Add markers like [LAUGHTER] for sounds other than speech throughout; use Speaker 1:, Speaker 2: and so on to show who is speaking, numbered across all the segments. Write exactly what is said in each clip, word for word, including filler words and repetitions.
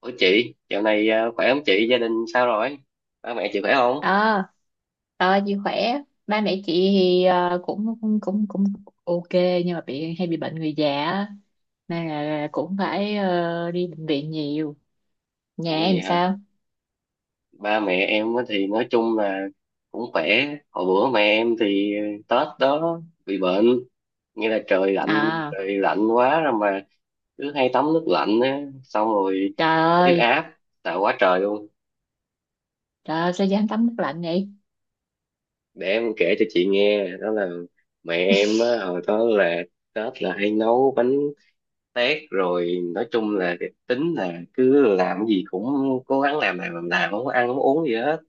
Speaker 1: Ủa chị, dạo này à, khỏe không chị? Gia đình sao rồi? Ba mẹ chị khỏe không?
Speaker 2: ờ ờ chị khỏe. Ba mẹ chị thì ờ, cũng cũng cũng cũng ok, nhưng mà bị hay bị bệnh người già á. Nên là cũng phải ờ, đi bệnh viện nhiều. Nhà
Speaker 1: Ủa vậy
Speaker 2: em
Speaker 1: hả?
Speaker 2: sao?
Speaker 1: Ba mẹ em á thì nói chung là cũng khỏe. Hồi bữa mẹ em thì ờ, Tết đó bị bệnh. Nghĩa là trời lạnh,
Speaker 2: À,
Speaker 1: trời lạnh quá rồi mà cứ hay tắm nước lạnh á. Xong rồi
Speaker 2: trời
Speaker 1: huyết
Speaker 2: ơi,
Speaker 1: áp, tạo quá trời luôn.
Speaker 2: trời ơi, sao dám tắm nước lạnh vậy?
Speaker 1: Để em kể cho chị nghe, đó là mẹ em á,
Speaker 2: [LAUGHS]
Speaker 1: hồi đó là Tết là hay nấu bánh tét rồi nói chung là cái tính là cứ làm cái gì cũng cố gắng làm làm làm làm không có ăn không có uống gì hết,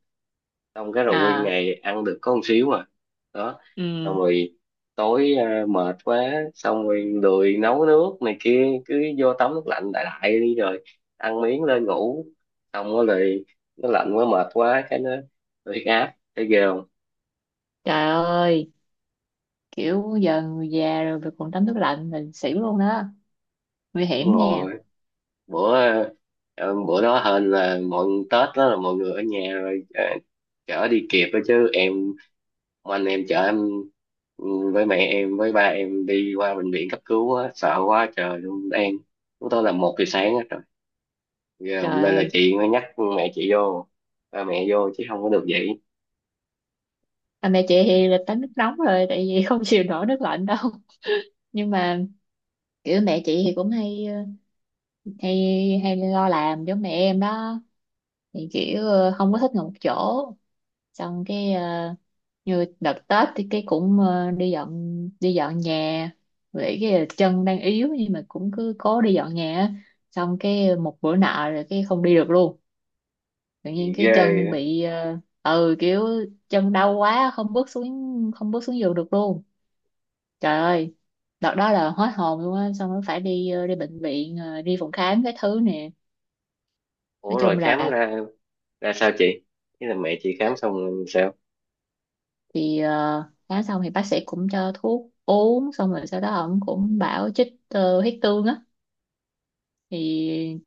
Speaker 1: xong cái rồi nguyên
Speaker 2: À,
Speaker 1: ngày ăn được có một xíu mà đó. Xong
Speaker 2: ừ,
Speaker 1: rồi tối à, mệt quá, xong rồi lười nấu nước này kia, cứ vô tắm nước lạnh đại đại đi rồi ăn miếng lên ngủ. Xong rồi lại- nó lạnh quá mệt quá cái nó nó huyết áp, thấy ghê không.
Speaker 2: trời ơi, kiểu giờ người già rồi mà còn tắm nước lạnh là xỉu luôn đó, nguy
Speaker 1: Đúng
Speaker 2: hiểm nha.
Speaker 1: rồi, bữa ờ, bữa đó hên là mọi Tết đó là mọi người ở nhà rồi, ờ, chở đi kịp đó chứ em, ông anh em chở em, ừ, với mẹ em với ba em đi qua bệnh viện cấp cứu á, sợ quá trời luôn em. Chúng tôi là một giờ sáng á trời. Ghê, hôm
Speaker 2: Trời
Speaker 1: nay là
Speaker 2: ơi.
Speaker 1: chị mới nhắc mẹ chị vô, ba mẹ vô chứ không có được vậy.
Speaker 2: À, mẹ chị thì là tắm nước nóng rồi, tại vì [LAUGHS] không chịu nổi nước lạnh đâu. Nhưng mà kiểu mẹ chị thì cũng hay ờ, hay hay lo làm giống mẹ em đó. Thì kiểu ờ, không có thích ngồi một chỗ. Xong cái ờ, như đợt Tết thì cái cũng ờ, đi dọn đi dọn nhà, vì cái chân đang yếu, nhưng mà cũng cứ cố đi dọn nhà á. Xong cái một bữa nọ rồi cái không đi được luôn, tự nhiên
Speaker 1: Thì ghê
Speaker 2: cái chân
Speaker 1: á.
Speaker 2: bị ờ, ừ, kiểu chân đau quá, không bước xuống không bước xuống giường được luôn. Trời ơi, đợt đó là hết hồn luôn á, xong nó phải đi ờ, đi bệnh viện, ờ, đi phòng khám cái thứ nè. Nói
Speaker 1: Ủa rồi
Speaker 2: chung
Speaker 1: khám
Speaker 2: là
Speaker 1: ra ra sao chị, thế là mẹ chị khám xong rồi sao?
Speaker 2: thì ờ, khám xong thì bác sĩ cũng cho thuốc uống, xong rồi sau đó ông cũng bảo chích ờ, huyết tương á. Thì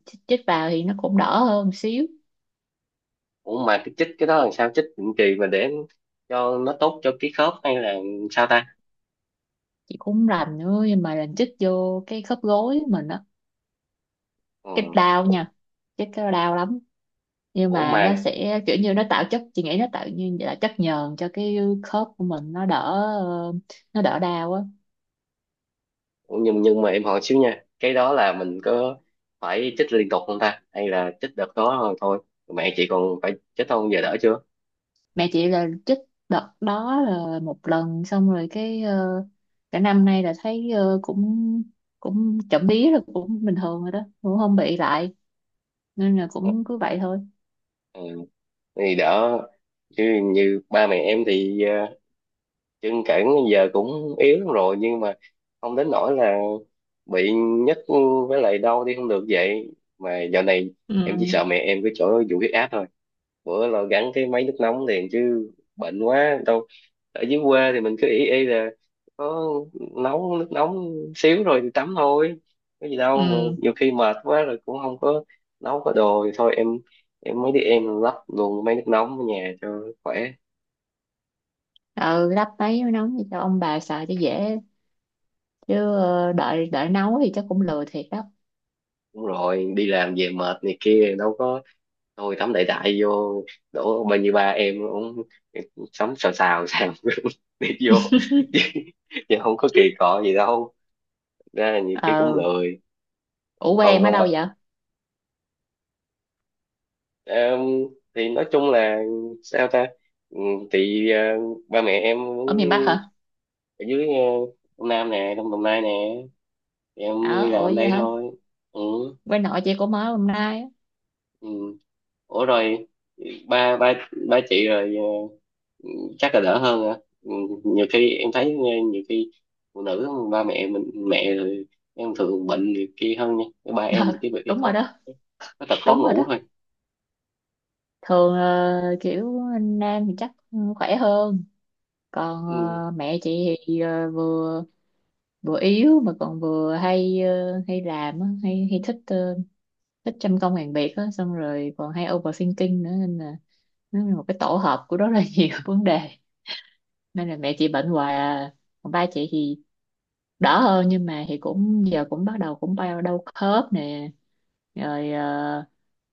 Speaker 2: chích, chích vào thì nó cũng đỡ hơn một xíu.
Speaker 1: Ủa mà cái chích cái đó làm sao, chích định kỳ mà để cho nó tốt cho cái khớp hay là sao ta?
Speaker 2: Chị cũng rành nữa nhưng mà rành chích vô cái khớp gối mình á, cái
Speaker 1: Ừ.
Speaker 2: đau nha, chích cái đau lắm. Nhưng
Speaker 1: Ủa
Speaker 2: mà
Speaker 1: mà
Speaker 2: nó sẽ kiểu như nó tạo chất, chị nghĩ nó tạo như là chất nhờn cho cái khớp của mình nó đỡ ờ, nó đỡ đau á.
Speaker 1: nhưng nhưng mà em hỏi xíu nha, cái đó là mình có phải chích liên tục không ta hay là chích đợt đó rồi thôi? Mẹ chị còn phải chích không, giờ đỡ chưa?
Speaker 2: Mẹ chị là chích đợt đó là một lần, xong rồi cái ờ, cả năm nay là thấy ờ, cũng cũng chậm bí là cũng bình thường rồi đó, cũng không bị lại, nên là cũng cứ vậy thôi.
Speaker 1: Ừ, thì đỡ. Chứ như ba mẹ em thì ờ, chân cẳng giờ cũng yếu lắm rồi, nhưng mà không đến nỗi là bị nhức với lại đau đi không được vậy. Mà dạo này
Speaker 2: Ừ,
Speaker 1: em chỉ sợ mẹ em cái chỗ vụ huyết áp thôi. Bữa là gắn cái máy nước nóng liền chứ bệnh quá đâu. Ở dưới quê thì mình cứ ỷ y là có nấu nước nóng xíu rồi thì tắm thôi, có gì đâu, mà
Speaker 2: ừ,
Speaker 1: nhiều khi mệt quá rồi cũng không có nấu có đồ thì thôi em. Em mới đi em lắp luôn máy nước nóng ở nhà cho khỏe.
Speaker 2: ừ, lắp mấy mới nóng cho ông bà xài cho dễ, chứ ờ, đợi đợi nấu thì chắc cũng lười thiệt đó.
Speaker 1: Đúng rồi, đi làm về mệt này kia đâu có. Thôi tắm đại đại vô, đổ bao nhiêu ba em cũng sống, xào xào xào [LAUGHS] đi vô [LAUGHS] chứ chứ không có kỳ
Speaker 2: [LAUGHS]
Speaker 1: cọ gì đâu. Ra là nhiều khi cũng
Speaker 2: Ừ.
Speaker 1: lười.
Speaker 2: Ủa quê
Speaker 1: còn
Speaker 2: em ở
Speaker 1: còn
Speaker 2: đâu
Speaker 1: ba-
Speaker 2: vậy?
Speaker 1: em thì nói chung là sao ta? Ừ, thì ờ, ba mẹ em
Speaker 2: Ở
Speaker 1: cũng
Speaker 2: miền Bắc hả?
Speaker 1: ở dưới, ờ, Đông Nam nè, Đông Đồng Nai nè. Thì em đi
Speaker 2: Ở ủa
Speaker 1: làm
Speaker 2: vậy
Speaker 1: đây
Speaker 2: hả?
Speaker 1: thôi. Ừ,
Speaker 2: Quê nội chị cũng ở hôm nay.
Speaker 1: ừ. Ủa rồi ba ba ba chị rồi ờ, chắc là đỡ hơn hả? Ừ, nhiều khi em thấy nghe, nhiều khi phụ nữ ba mẹ mình mẹ rồi em thường bệnh nhiều khi hơn nha. Ba
Speaker 2: [LAUGHS]
Speaker 1: em thì
Speaker 2: Ờ,
Speaker 1: cái bị
Speaker 2: đúng rồi
Speaker 1: có
Speaker 2: đó.
Speaker 1: có tật khó
Speaker 2: Đúng rồi đó,
Speaker 1: ngủ thôi.
Speaker 2: thường ờ, kiểu nam thì chắc khỏe hơn. Còn
Speaker 1: Ừ.
Speaker 2: ờ, mẹ chị thì ờ, vừa vừa yếu, mà còn vừa hay ờ, hay làm á, hay hay thích ờ, thích trăm công ngàn việc á, xong rồi còn hay overthinking nữa, nên là nó là một cái tổ hợp của rất là [LAUGHS] nhiều vấn đề, nên là mẹ chị bệnh hoài à. Còn ba chị thì đỡ hơn, nhưng mà thì cũng giờ cũng bắt đầu cũng bao đau khớp nè, rồi ờ,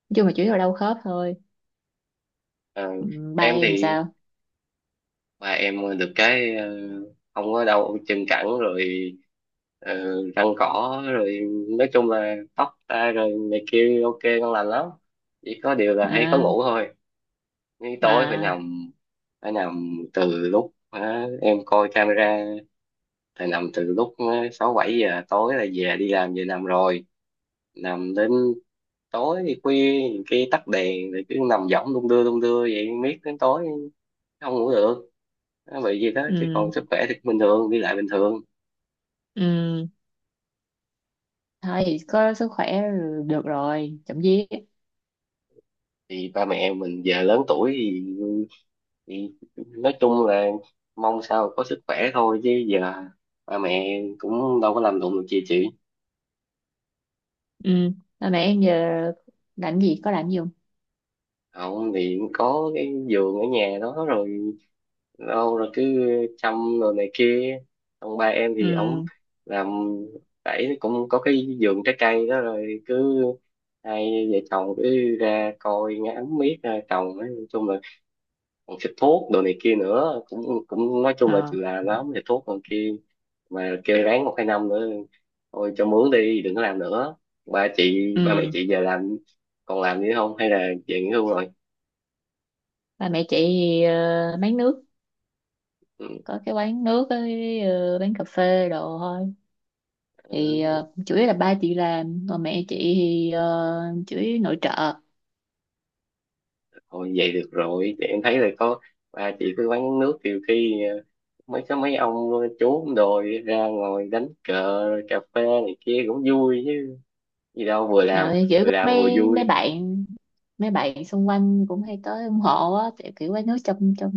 Speaker 2: nói chung là chủ yếu là đau khớp thôi.
Speaker 1: Ờ,
Speaker 2: Ừ, ba
Speaker 1: em
Speaker 2: em
Speaker 1: thì
Speaker 2: sao?
Speaker 1: ba em được cái ờ, không có đau chân cẳng rồi, ờ, răng cỏ rồi, nói chung là tóc ta rồi này kia ok ngon lành lắm. Chỉ có điều là hay có
Speaker 2: À,
Speaker 1: ngủ thôi, nhưng tối phải
Speaker 2: à,
Speaker 1: nằm, phải nằm từ lúc ờ, em coi camera thì nằm từ lúc ờ, sáu bảy giờ tối là về đi làm về nằm rồi. Nằm đến tối khuya, nhiều khi tắt đèn rồi cứ nằm võng đung đưa đung đưa vậy miết đến tối không ngủ được. Nó bị gì đó chứ
Speaker 2: ừ,
Speaker 1: còn sức khỏe thì bình thường, đi lại bình thường.
Speaker 2: ừ, thôi thì có sức khỏe được rồi, chậm vía.
Speaker 1: Thì ba mẹ mình giờ lớn tuổi thì, thì, nói chung là mong sao có sức khỏe thôi chứ giờ ba mẹ cũng đâu có làm đụng được gì chị.
Speaker 2: Ừ, ba mẹ em giờ làm gì, có làm gì không?
Speaker 1: Không thì có cái giường ở nhà đó rồi đâu rồi cứ chăm rồi này kia. Ông ba em thì
Speaker 2: Ừ,
Speaker 1: ổng làm đẩy cũng có cái vườn trái cây đó, rồi cứ hai vợ chồng cứ ra coi ngắm miết ra trồng, nói chung là còn xịt thuốc đồ này kia nữa, cũng cũng nói chung là
Speaker 2: ờ,
Speaker 1: chịu làm lắm, xịt thuốc còn kia. Mà kêu ráng một hai năm nữa thôi cho mướn đi, đừng có làm nữa. Ba chị, ba mẹ
Speaker 2: ừ.
Speaker 1: chị giờ làm còn làm nữa không hay là về nghỉ hưu rồi?
Speaker 2: Ba mẹ chị ờ, bán nước,
Speaker 1: Ừ.
Speaker 2: có cái quán nước với ờ, bán cà phê đồ thôi. Thì
Speaker 1: Ừ,
Speaker 2: ờ, chủ yếu là ba chị làm, còn mẹ chị thì ờ, chủ yếu nội trợ.
Speaker 1: thôi vậy được rồi. Thì em thấy là có ba chị cứ quán nước, nhiều khi ờ, mấy cái mấy ông chú đồi ra ngồi đánh cờ cà phê này kia cũng vui chứ gì đâu, vừa làm
Speaker 2: Nào thì kiểu
Speaker 1: vừa
Speaker 2: có
Speaker 1: làm vừa
Speaker 2: mấy mấy
Speaker 1: vui.
Speaker 2: bạn mấy bạn xung quanh cũng hay tới ủng hộ á, kiểu kiểu quán nước trong trong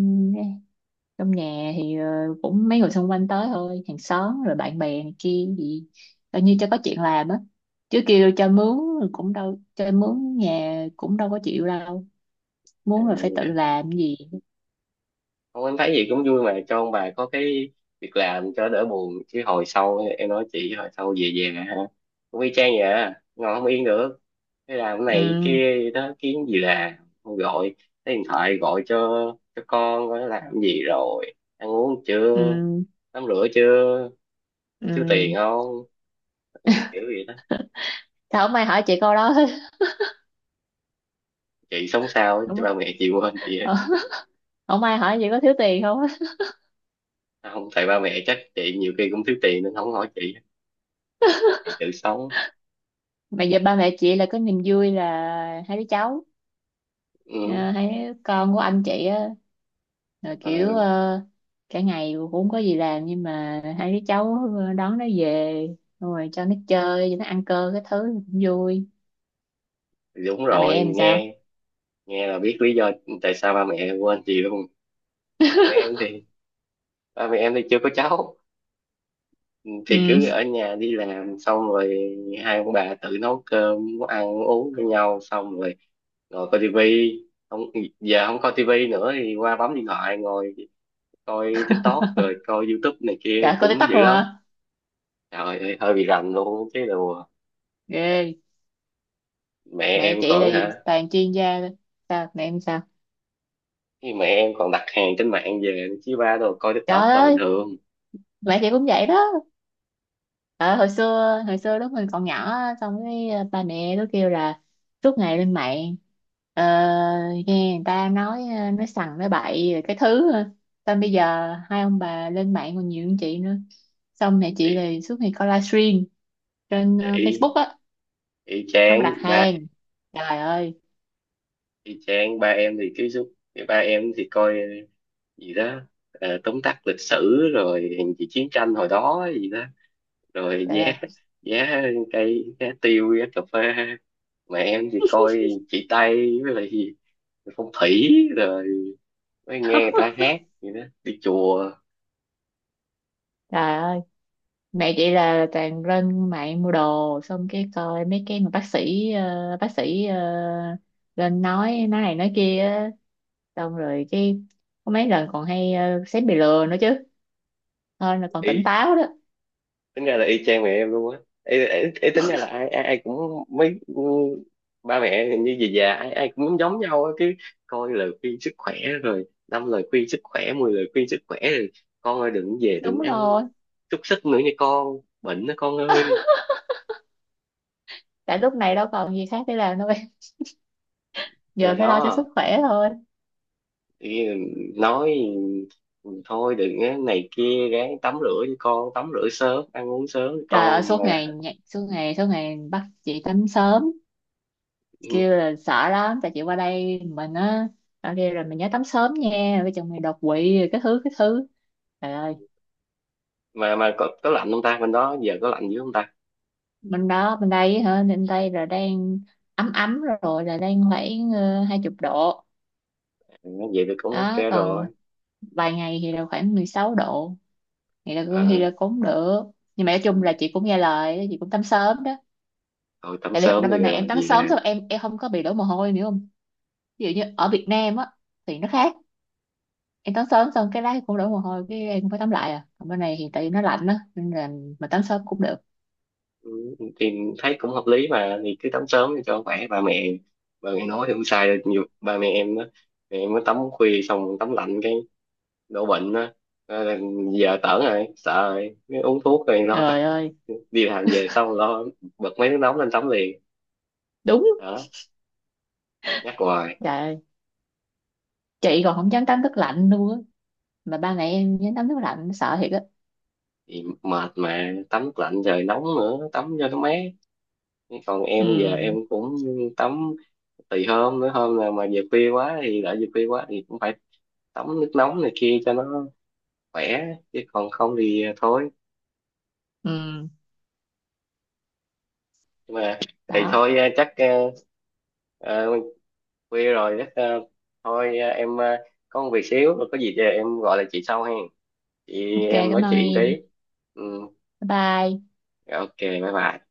Speaker 2: trong nhà, thì ờ, cũng mấy người xung quanh tới thôi, hàng xóm rồi bạn bè này kia gì, coi như cho có chuyện làm á, chứ kêu cho mướn cũng đâu cho mướn, nhà cũng đâu có chịu đâu,
Speaker 1: Ừ,
Speaker 2: muốn là phải tự làm gì.
Speaker 1: không em thấy gì cũng vui mà, cho ông bà có cái việc làm cho đỡ buồn, chứ hồi sau em nói chị, hồi sau về về hả cũng y chang vậy à. Ngồi không yên được, thế làm cái này
Speaker 2: Ừ,
Speaker 1: kia đó kiếm gì làm. Không gọi, lấy điện thoại gọi cho cho con coi nó làm gì rồi, ăn uống chưa,
Speaker 2: ừ,
Speaker 1: tắm rửa chưa, không thiếu
Speaker 2: ừ.
Speaker 1: tiền không, kiểu kiểu vậy đó.
Speaker 2: Sao không ai hỏi chị câu đó hết? [LAUGHS]
Speaker 1: Chị sống sao á,
Speaker 2: Đúng
Speaker 1: chứ
Speaker 2: không?
Speaker 1: ba mẹ chị quên chị á.
Speaker 2: Ờ, không ai hỏi chị có thiếu tiền không á.
Speaker 1: À, không tại ba mẹ chắc chị nhiều khi cũng thiếu tiền nên không hỏi chị chị tự sống.
Speaker 2: Mà giờ ba mẹ chị là có niềm vui là hai đứa cháu,
Speaker 1: Ừ.
Speaker 2: ờ, hai đứa con của anh chị á, rồi
Speaker 1: ờ,
Speaker 2: kiểu ờ, cả ngày cũng không có gì làm nhưng mà hai đứa cháu ờ, đón nó về, xong rồi cho nó chơi cho nó ăn cơm cái thứ cũng vui.
Speaker 1: Đúng
Speaker 2: À, mẹ
Speaker 1: rồi
Speaker 2: em sao?
Speaker 1: nghe, nghe là biết lý do tại sao ba mẹ em quên chị luôn. Ba mẹ em thì, ba mẹ em thì chưa có cháu, thì
Speaker 2: Ừ.
Speaker 1: cứ ở nhà đi làm xong rồi hai ông bà tự nấu cơm nấu ăn nấu uống với nhau, xong rồi ngồi coi tivi. Không, giờ không coi tivi nữa thì qua bấm điện thoại ngồi coi TikTok rồi coi YouTube này
Speaker 2: [LAUGHS]
Speaker 1: kia
Speaker 2: Trời có
Speaker 1: cũng
Speaker 2: TikTok
Speaker 1: dữ
Speaker 2: luôn
Speaker 1: lắm.
Speaker 2: hả?
Speaker 1: Trời ơi hơi bị rành luôn chứ đồ.
Speaker 2: Ghê.
Speaker 1: Mẹ
Speaker 2: Mẹ
Speaker 1: em
Speaker 2: chị là
Speaker 1: còn
Speaker 2: gì?
Speaker 1: hả,
Speaker 2: Toàn chuyên gia thôi. Sao mẹ em sao?
Speaker 1: khi mẹ em còn đặt hàng trên mạng về chứ, ba đồ coi
Speaker 2: Trời
Speaker 1: TikTok là bình
Speaker 2: ơi,
Speaker 1: thường.
Speaker 2: mẹ chị cũng vậy đó. Ờ, hồi xưa hồi xưa lúc mình còn nhỏ á, xong cái ờ, ba mẹ nó kêu là suốt ngày lên mạng, ờ, nghe người ta nói ờ, nói sằng nói bậy rồi cái thứ ờ. Xong bây giờ hai ông bà lên mạng còn nhiều hơn chị nữa, xong mẹ
Speaker 1: Ý,
Speaker 2: chị thì suốt ngày coi livestream trên ờ,
Speaker 1: ý,
Speaker 2: Facebook á,
Speaker 1: ý
Speaker 2: xong
Speaker 1: chán
Speaker 2: đặt
Speaker 1: ba.
Speaker 2: hàng. Trời ơi,
Speaker 1: Y chang ba em thì cái suốt, cái ba em thì coi gì đó, ờ, tóm tắt lịch sử rồi gì chiến tranh hồi đó gì đó, rồi
Speaker 2: trời
Speaker 1: giá
Speaker 2: ơi,
Speaker 1: giá cây, giá tiêu, giá cà phê. Mà em thì coi chị Tây với lại gì phong thủy, rồi mới nghe người ta hát gì đó đi chùa.
Speaker 2: trời ơi, mẹ chị là toàn lên mạng mua đồ, xong cái coi mấy cái mà bác sĩ ờ, bác sĩ ờ, lên nói nói này nói kia á, xong rồi cái có mấy lần còn hay ờ, xém bị lừa nữa chứ, thôi là còn tỉnh
Speaker 1: Y
Speaker 2: táo đó.
Speaker 1: tính ra là y chang mẹ em luôn á. Ấy, ấy, ấy, tính ra là ai ai, ai cũng mấy, ừ, ba mẹ như gì già ai ai cũng giống nhau á, cứ coi lời khuyên sức khỏe rồi năm lời khuyên sức khỏe, mười lời khuyên sức khỏe, rồi con ơi đừng về
Speaker 2: Đúng
Speaker 1: đừng ăn
Speaker 2: rồi,
Speaker 1: xúc xích nữa nha con bệnh đó con ơi.
Speaker 2: tại lúc này đâu còn gì khác để làm đâu em, giờ
Speaker 1: Này
Speaker 2: phải lo cho sức
Speaker 1: đó
Speaker 2: khỏe thôi.
Speaker 1: thì nói "Ừ, thôi đừng á, này kia ráng tắm rửa cho con tắm rửa sớm ăn uống sớm cho
Speaker 2: Trời ơi,
Speaker 1: con
Speaker 2: suốt
Speaker 1: mà."
Speaker 2: ngày nhảy- suốt ngày suốt ngày bắt chị tắm sớm,
Speaker 1: ừ,
Speaker 2: kêu là sợ lắm, tại chị qua đây mình á, ở đây rồi mình nhớ tắm sớm nha, với chồng mày đột quỵ rồi cái thứ cái thứ. Trời ơi.
Speaker 1: mà mà có, có lạnh không ta, bên đó giờ có lạnh dữ không ta?
Speaker 2: Bên đó, bên đây hả? Bên đây là đang ấm ấm rồi, là đang khoảng ờ, hai chục độ,
Speaker 1: Ừ, vậy thì cũng ok
Speaker 2: đó
Speaker 1: rồi.
Speaker 2: còn vài ngày thì là khoảng mười sáu độ, thì là thì
Speaker 1: Ờ,
Speaker 2: là cũng được. Nhưng mà nói chung là chị cũng nghe lời đó, chị cũng tắm sớm đó.
Speaker 1: Thôi tắm
Speaker 2: Tại vì thật
Speaker 1: sớm
Speaker 2: ra
Speaker 1: thì
Speaker 2: bên này em
Speaker 1: làm
Speaker 2: tắm
Speaker 1: gì
Speaker 2: sớm
Speaker 1: làm.
Speaker 2: xong em em không có bị đổ mồ hôi nữa không, ví dụ như ở Việt Nam á thì nó khác, em tắm sớm xong cái lá cũng đổ mồ hôi, cái em cũng phải tắm lại, à còn bên này thì tại vì nó lạnh á nên là mà tắm sớm cũng được.
Speaker 1: Ừ, thì thấy cũng hợp lý mà, thì cứ tắm sớm thì cho khỏe ba mẹ. Ba mẹ nói thì không sai đâu, nhiều ba mẹ em đó, mẹ em mới tắm khuya xong tắm lạnh cái đổ bệnh đó. Ờ, là giờ tởn rồi sợ rồi mới uống thuốc rồi lo tắm,
Speaker 2: Trời ơi,
Speaker 1: đi làm về xong lo bật mấy nước nóng lên tắm liền
Speaker 2: đúng.
Speaker 1: đó, nhắc hoài.
Speaker 2: Trời ơi. Chị còn không dám tắm nước lạnh luôn á, mà ba mẹ em dám tắm nước lạnh sợ thiệt á.
Speaker 1: Thì mệt mà tắm lạnh rồi nóng nữa tắm cho nó mát. Còn em giờ em
Speaker 2: Ừ,
Speaker 1: cũng tắm tùy hôm nữa, hôm nào mà về khuya quá thì đã về khuya quá thì cũng phải tắm nước nóng này kia cho nó khỏe. Chứ còn không thì à, thôi.
Speaker 2: ừ.
Speaker 1: Nhưng mà thì
Speaker 2: Đó,
Speaker 1: thôi, à, chắc à, à, khuya rồi, chắc à, thôi à, em à, có một việc xíu rồi, có gì thì em gọi lại chị sau hen chị.
Speaker 2: ok,
Speaker 1: Em
Speaker 2: cảm
Speaker 1: nói
Speaker 2: ơn
Speaker 1: chuyện
Speaker 2: em.
Speaker 1: tí. Ừ,
Speaker 2: Bye bye.
Speaker 1: ok bye bye.